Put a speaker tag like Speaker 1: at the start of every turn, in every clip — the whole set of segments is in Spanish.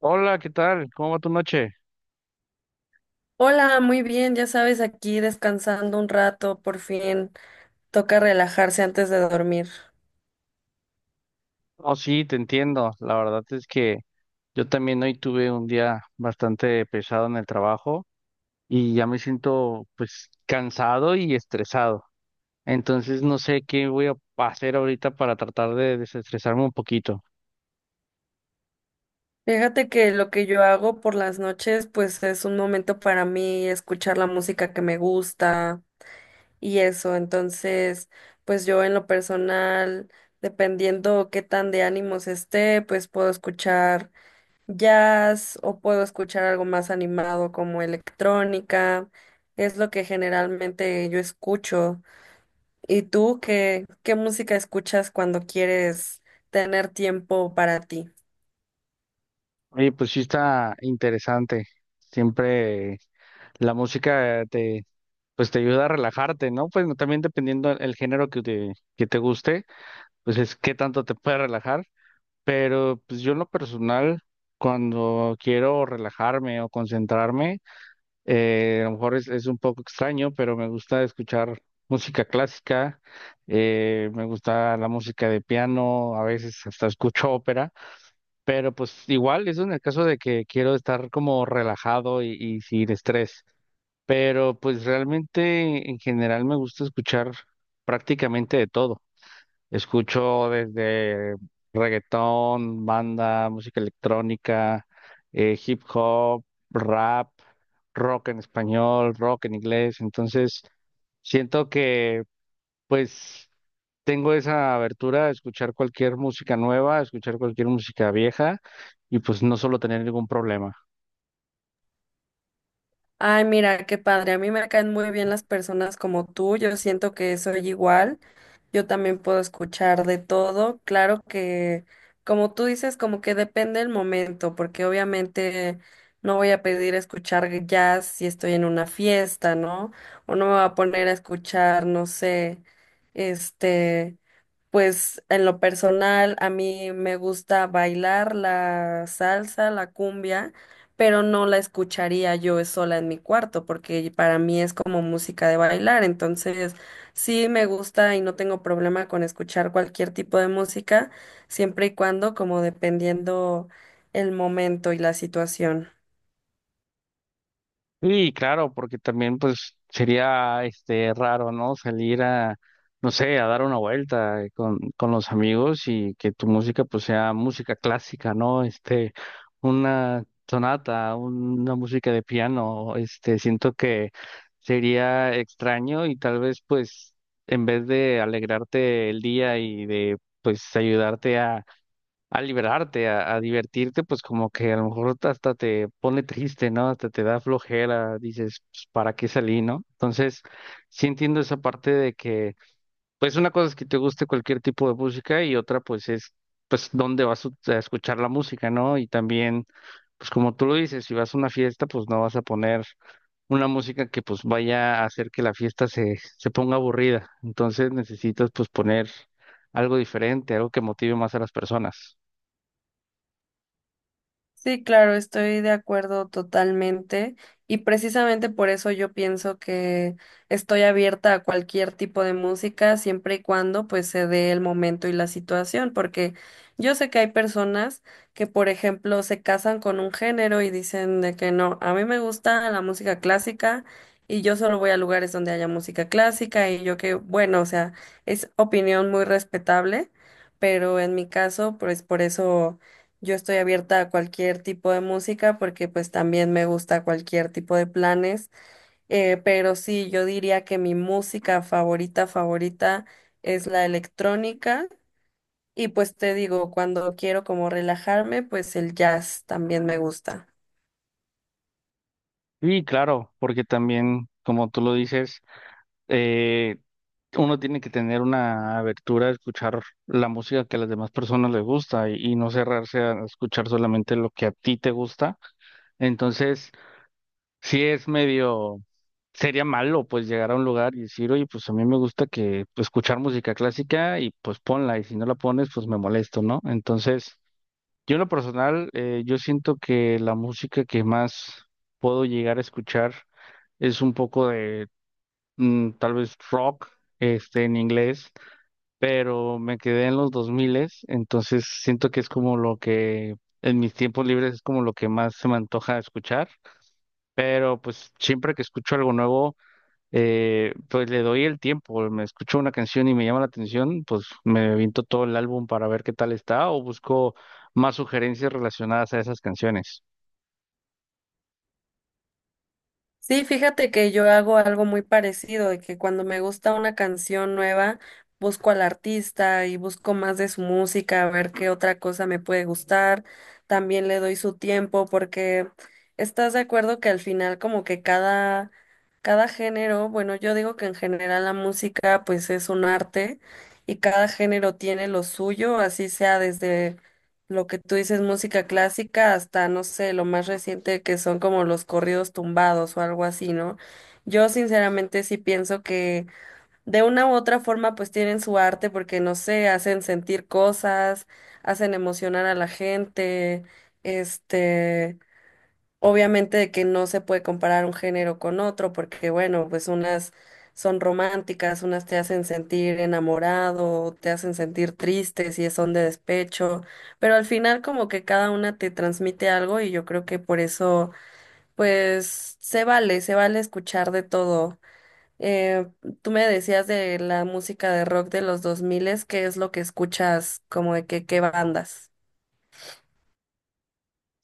Speaker 1: Hola, ¿qué tal? ¿Cómo va tu noche?
Speaker 2: Hola, muy bien, ya sabes, aquí descansando un rato, por fin toca relajarse antes de dormir.
Speaker 1: Oh, sí, te entiendo. La verdad es que yo también hoy tuve un día bastante pesado en el trabajo y ya me siento pues cansado y estresado. Entonces no sé qué voy a hacer ahorita para tratar de desestresarme un poquito.
Speaker 2: Fíjate que lo que yo hago por las noches, pues es un momento para mí escuchar la música que me gusta y eso. Entonces, pues yo en lo personal, dependiendo qué tan de ánimos esté, pues puedo escuchar jazz o puedo escuchar algo más animado como electrónica. Es lo que generalmente yo escucho. ¿Y tú qué música escuchas cuando quieres tener tiempo para ti?
Speaker 1: Oye, pues sí está interesante. Siempre la música te pues te ayuda a relajarte, ¿no? Pues también dependiendo el género que te guste, pues es qué tanto te puede relajar. Pero pues yo en lo personal, cuando quiero relajarme o concentrarme, a lo mejor es un poco extraño, pero me gusta escuchar música clásica, me gusta la música de piano, a veces hasta escucho ópera, pero pues igual, eso en el caso de que quiero estar como relajado y sin estrés. Pero pues realmente en general me gusta escuchar prácticamente de todo. Escucho desde reggaetón, banda, música electrónica, hip hop, rap, rock en español, rock en inglés. Entonces, siento que pues tengo esa abertura a escuchar cualquier música nueva, a escuchar cualquier música vieja y pues no solo tener ningún problema.
Speaker 2: Ay, mira, qué padre. A mí me caen muy bien las personas como tú. Yo siento que soy igual. Yo también puedo escuchar de todo. Claro que, como tú dices, como que depende el momento, porque obviamente no voy a pedir escuchar jazz si estoy en una fiesta, ¿no? O no me voy a poner a escuchar, no sé, este, pues en lo personal a mí me gusta bailar la salsa, la cumbia, pero no la escucharía yo sola en mi cuarto, porque para mí es como música de bailar, entonces... Sí, me gusta y no tengo problema con escuchar cualquier tipo de música, siempre y cuando, como dependiendo el momento y la situación.
Speaker 1: Sí, claro, porque también pues sería este raro, ¿no? Salir a, no sé, a dar una vuelta con los amigos y que tu música pues sea música clásica, ¿no? Este, una sonata, una música de piano, este, siento que sería extraño y tal vez pues en vez de alegrarte el día y de pues ayudarte a liberarte, a divertirte, pues como que a lo mejor hasta te pone triste, ¿no? Hasta te da flojera, dices, pues, ¿para qué salí, no? Entonces, sí entiendo esa parte de que, pues una cosa es que te guste cualquier tipo de música y otra pues es, pues, ¿dónde vas a escuchar la música, ¿no? Y también, pues como tú lo dices, si vas a una fiesta, pues no vas a poner una música que pues vaya a hacer que la fiesta se ponga aburrida. Entonces necesitas pues poner algo diferente, algo que motive más a las personas.
Speaker 2: Sí, claro, estoy de acuerdo totalmente y precisamente por eso yo pienso que estoy abierta a cualquier tipo de música siempre y cuando pues se dé el momento y la situación, porque yo sé que hay personas que por ejemplo se casan con un género y dicen de que no, a mí me gusta la música clásica y yo solo voy a lugares donde haya música clásica y yo que bueno, o sea, es opinión muy respetable, pero en mi caso pues por eso yo estoy abierta a cualquier tipo de música porque pues también me gusta cualquier tipo de planes, pero sí, yo diría que mi música favorita, favorita es la electrónica y pues te digo, cuando quiero como relajarme, pues el jazz también me gusta.
Speaker 1: Sí, claro, porque también, como tú lo dices, eh, uno tiene que tener una abertura a escuchar la música que a las demás personas les gusta y no cerrarse a escuchar solamente lo que a ti te gusta. Entonces, sí es medio, sería malo pues llegar a un lugar y decir, oye, pues a mí me gusta que pues, escuchar música clásica y pues ponla y si no la pones, pues me molesto, ¿no? Entonces... Yo en lo personal, yo siento que la música que más puedo llegar a escuchar es un poco de tal vez rock, este, en inglés, pero me quedé en los 2000, entonces siento que es como lo que en mis tiempos libres es como lo que más se me antoja escuchar, pero pues siempre que escucho algo nuevo pues le doy el tiempo, me escucho una canción y me llama la atención, pues me vinto todo el álbum para ver qué tal está o busco más sugerencias relacionadas a esas canciones.
Speaker 2: Sí, fíjate que yo hago algo muy parecido, de que cuando me gusta una canción nueva, busco al artista y busco más de su música, a ver qué otra cosa me puede gustar. También le doy su tiempo porque estás de acuerdo que al final como que cada género, bueno, yo digo que en general la música pues es un arte y cada género tiene lo suyo, así sea desde lo que tú dices, música clásica, hasta no sé, lo más reciente que son como los corridos tumbados o algo así, ¿no? Yo sinceramente sí pienso que de una u otra forma pues tienen su arte porque no sé, hacen sentir cosas, hacen emocionar a la gente, este, Obviamente de que no se puede comparar un género con otro, porque bueno, pues unas son románticas, unas te hacen sentir enamorado, te hacen sentir triste si son de despecho, pero al final como que cada una te transmite algo y yo creo que por eso pues se vale escuchar de todo. Eh, tú me decías de la música de rock de los 2000, ¿qué es lo que escuchas como de que qué bandas?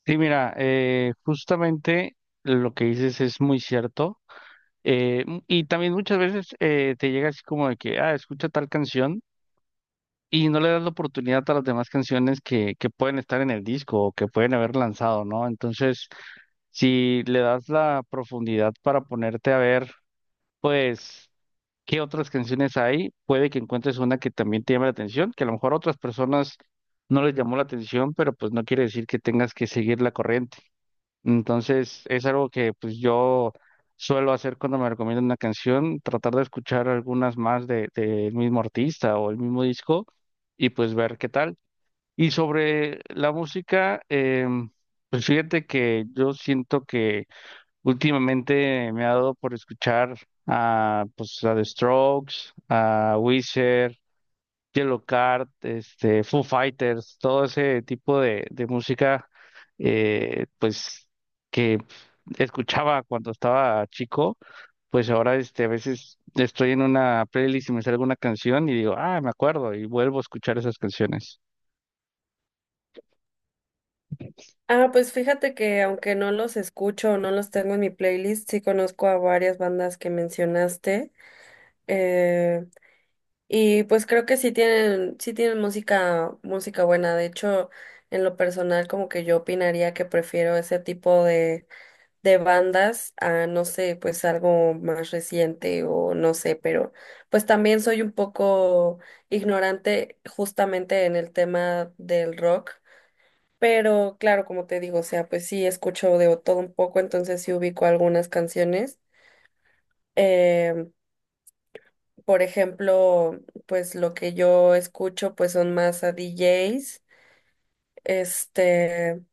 Speaker 1: Sí, mira, justamente lo que dices es muy cierto. Y también muchas veces te llega así como de que, ah, escucha tal canción y no le das la oportunidad a las demás canciones que pueden estar en el disco o que pueden haber lanzado, ¿no? Entonces, si le das la profundidad para ponerte a ver, pues ¿qué otras canciones hay? Puede que encuentres una que también te llame la atención, que a lo mejor a otras personas no les llamó la atención, pero pues no quiere decir que tengas que seguir la corriente. Entonces, es algo que pues yo suelo hacer cuando me recomiendan una canción, tratar de escuchar algunas más del mismo artista o el mismo disco y pues ver qué tal. Y sobre la música, pues fíjate que yo siento que últimamente me ha dado por escuchar a, pues, a The Strokes, a Weezer, Yellowcard, este, Foo Fighters, todo ese tipo de música, eh, pues, que escuchaba cuando estaba chico, pues ahora, este, a veces estoy en una playlist y me sale alguna canción y digo, ah, me acuerdo, y vuelvo a escuchar esas canciones.
Speaker 2: Ah, pues fíjate que aunque no los escucho o no los tengo en mi playlist, sí conozco a varias bandas que mencionaste. eh, y pues creo que sí tienen música, buena. De hecho, en lo personal, como que yo opinaría que prefiero ese tipo de bandas a, no sé, pues algo más reciente o no sé, pero pues también soy un poco ignorante justamente en el tema del rock. Pero claro, como te digo, o sea, pues sí escucho de todo un poco, entonces sí ubico algunas canciones. Em, por ejemplo, pues lo que yo escucho pues son más a DJs, este,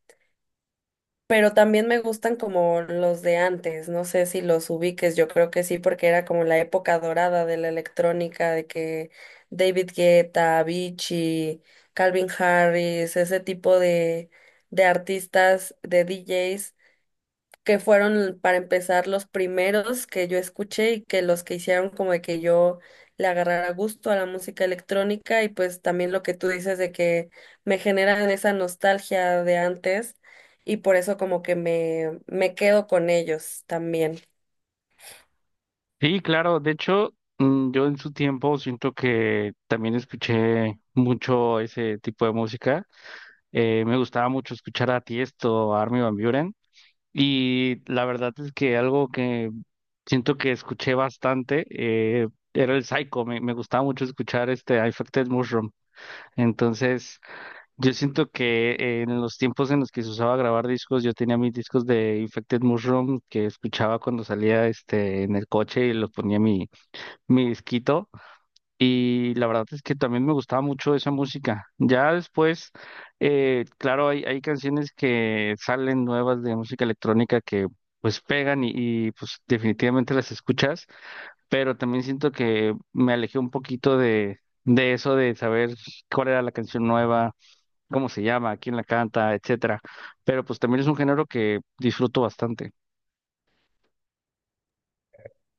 Speaker 2: pero también me gustan como los de antes, no sé si los ubiques, yo creo que sí, porque era como la época dorada de la electrónica, de que David Guetta, Avicii, Calvin Harris, ese tipo de artistas, de DJs que fueron para empezar los primeros que yo escuché y que los que hicieron como de que yo le agarrara gusto a la música electrónica y pues también lo que tú dices de que me generan esa nostalgia de antes y por eso como que me quedo con ellos también.
Speaker 1: Sí, claro. De hecho, yo en su tiempo siento que también escuché mucho ese tipo de música. Me gustaba mucho escuchar a Tiesto, a Armin van Buuren. Y la verdad es que algo que siento que escuché bastante era el Psycho. Me gustaba mucho escuchar este I Affected Mushroom. Entonces, yo siento que en los tiempos en los que se usaba grabar discos, yo tenía mis discos de Infected Mushroom que escuchaba cuando salía este en el coche y los ponía en mi disquito y la verdad es que también me gustaba mucho esa música. Ya después, claro, hay canciones que salen nuevas de música electrónica que pues pegan y, pues definitivamente las escuchas, pero también siento que me alejé un poquito de eso de saber cuál era la canción nueva, cómo se llama, quién la canta, etcétera. Pero pues también es un género que disfruto bastante.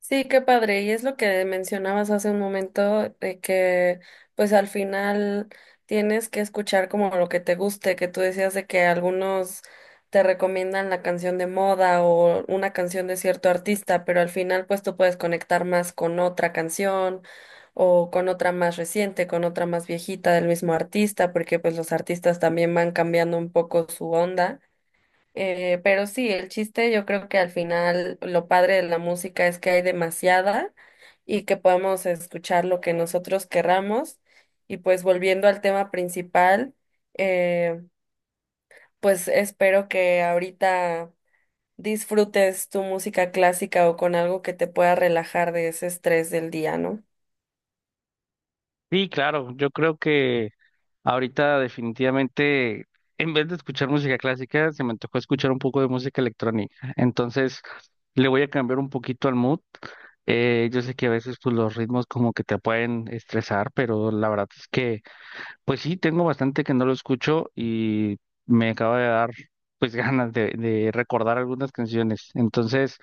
Speaker 2: Sí, qué padre. Y es lo que mencionabas hace un momento, de que pues al final tienes que escuchar como lo que te guste, que tú decías de que algunos te recomiendan la canción de moda o una canción de cierto artista, pero al final pues tú puedes conectar más con otra canción o con otra más reciente, con otra más viejita del mismo artista, porque pues los artistas también van cambiando un poco su onda. Pero sí, el chiste yo creo que al final lo padre de la música es que hay demasiada y que podemos escuchar lo que nosotros querramos. Y pues volviendo al tema principal, eh, pues espero que ahorita disfrutes tu música clásica o con algo que te pueda relajar de ese estrés del día, ¿no?
Speaker 1: Sí, claro, yo creo que ahorita definitivamente, en vez de escuchar música clásica, se me antojó escuchar un poco de música electrónica. Entonces, le voy a cambiar un poquito al mood. Yo sé que a veces pues los ritmos como que te pueden estresar, pero la verdad es que, pues sí, tengo bastante que no lo escucho y me acaba de dar pues ganas de recordar algunas canciones. Entonces,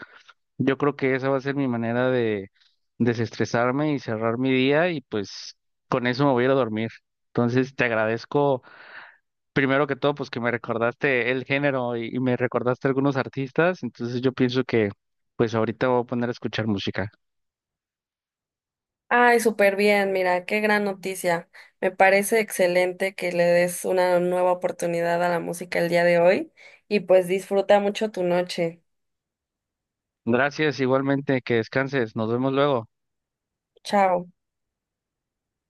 Speaker 1: yo creo que esa va a ser mi manera de desestresarme y cerrar mi día y pues con eso me voy a ir a dormir. Entonces, te agradezco primero que todo, pues que me recordaste el género y me recordaste algunos artistas, entonces yo pienso que pues ahorita voy a poner a escuchar música.
Speaker 2: Ay, súper bien, mira, qué gran noticia. Me parece excelente que le des una nueva oportunidad a la música el día de hoy y pues disfruta mucho tu noche.
Speaker 1: Gracias, igualmente, que descanses, nos vemos luego.
Speaker 2: Chao.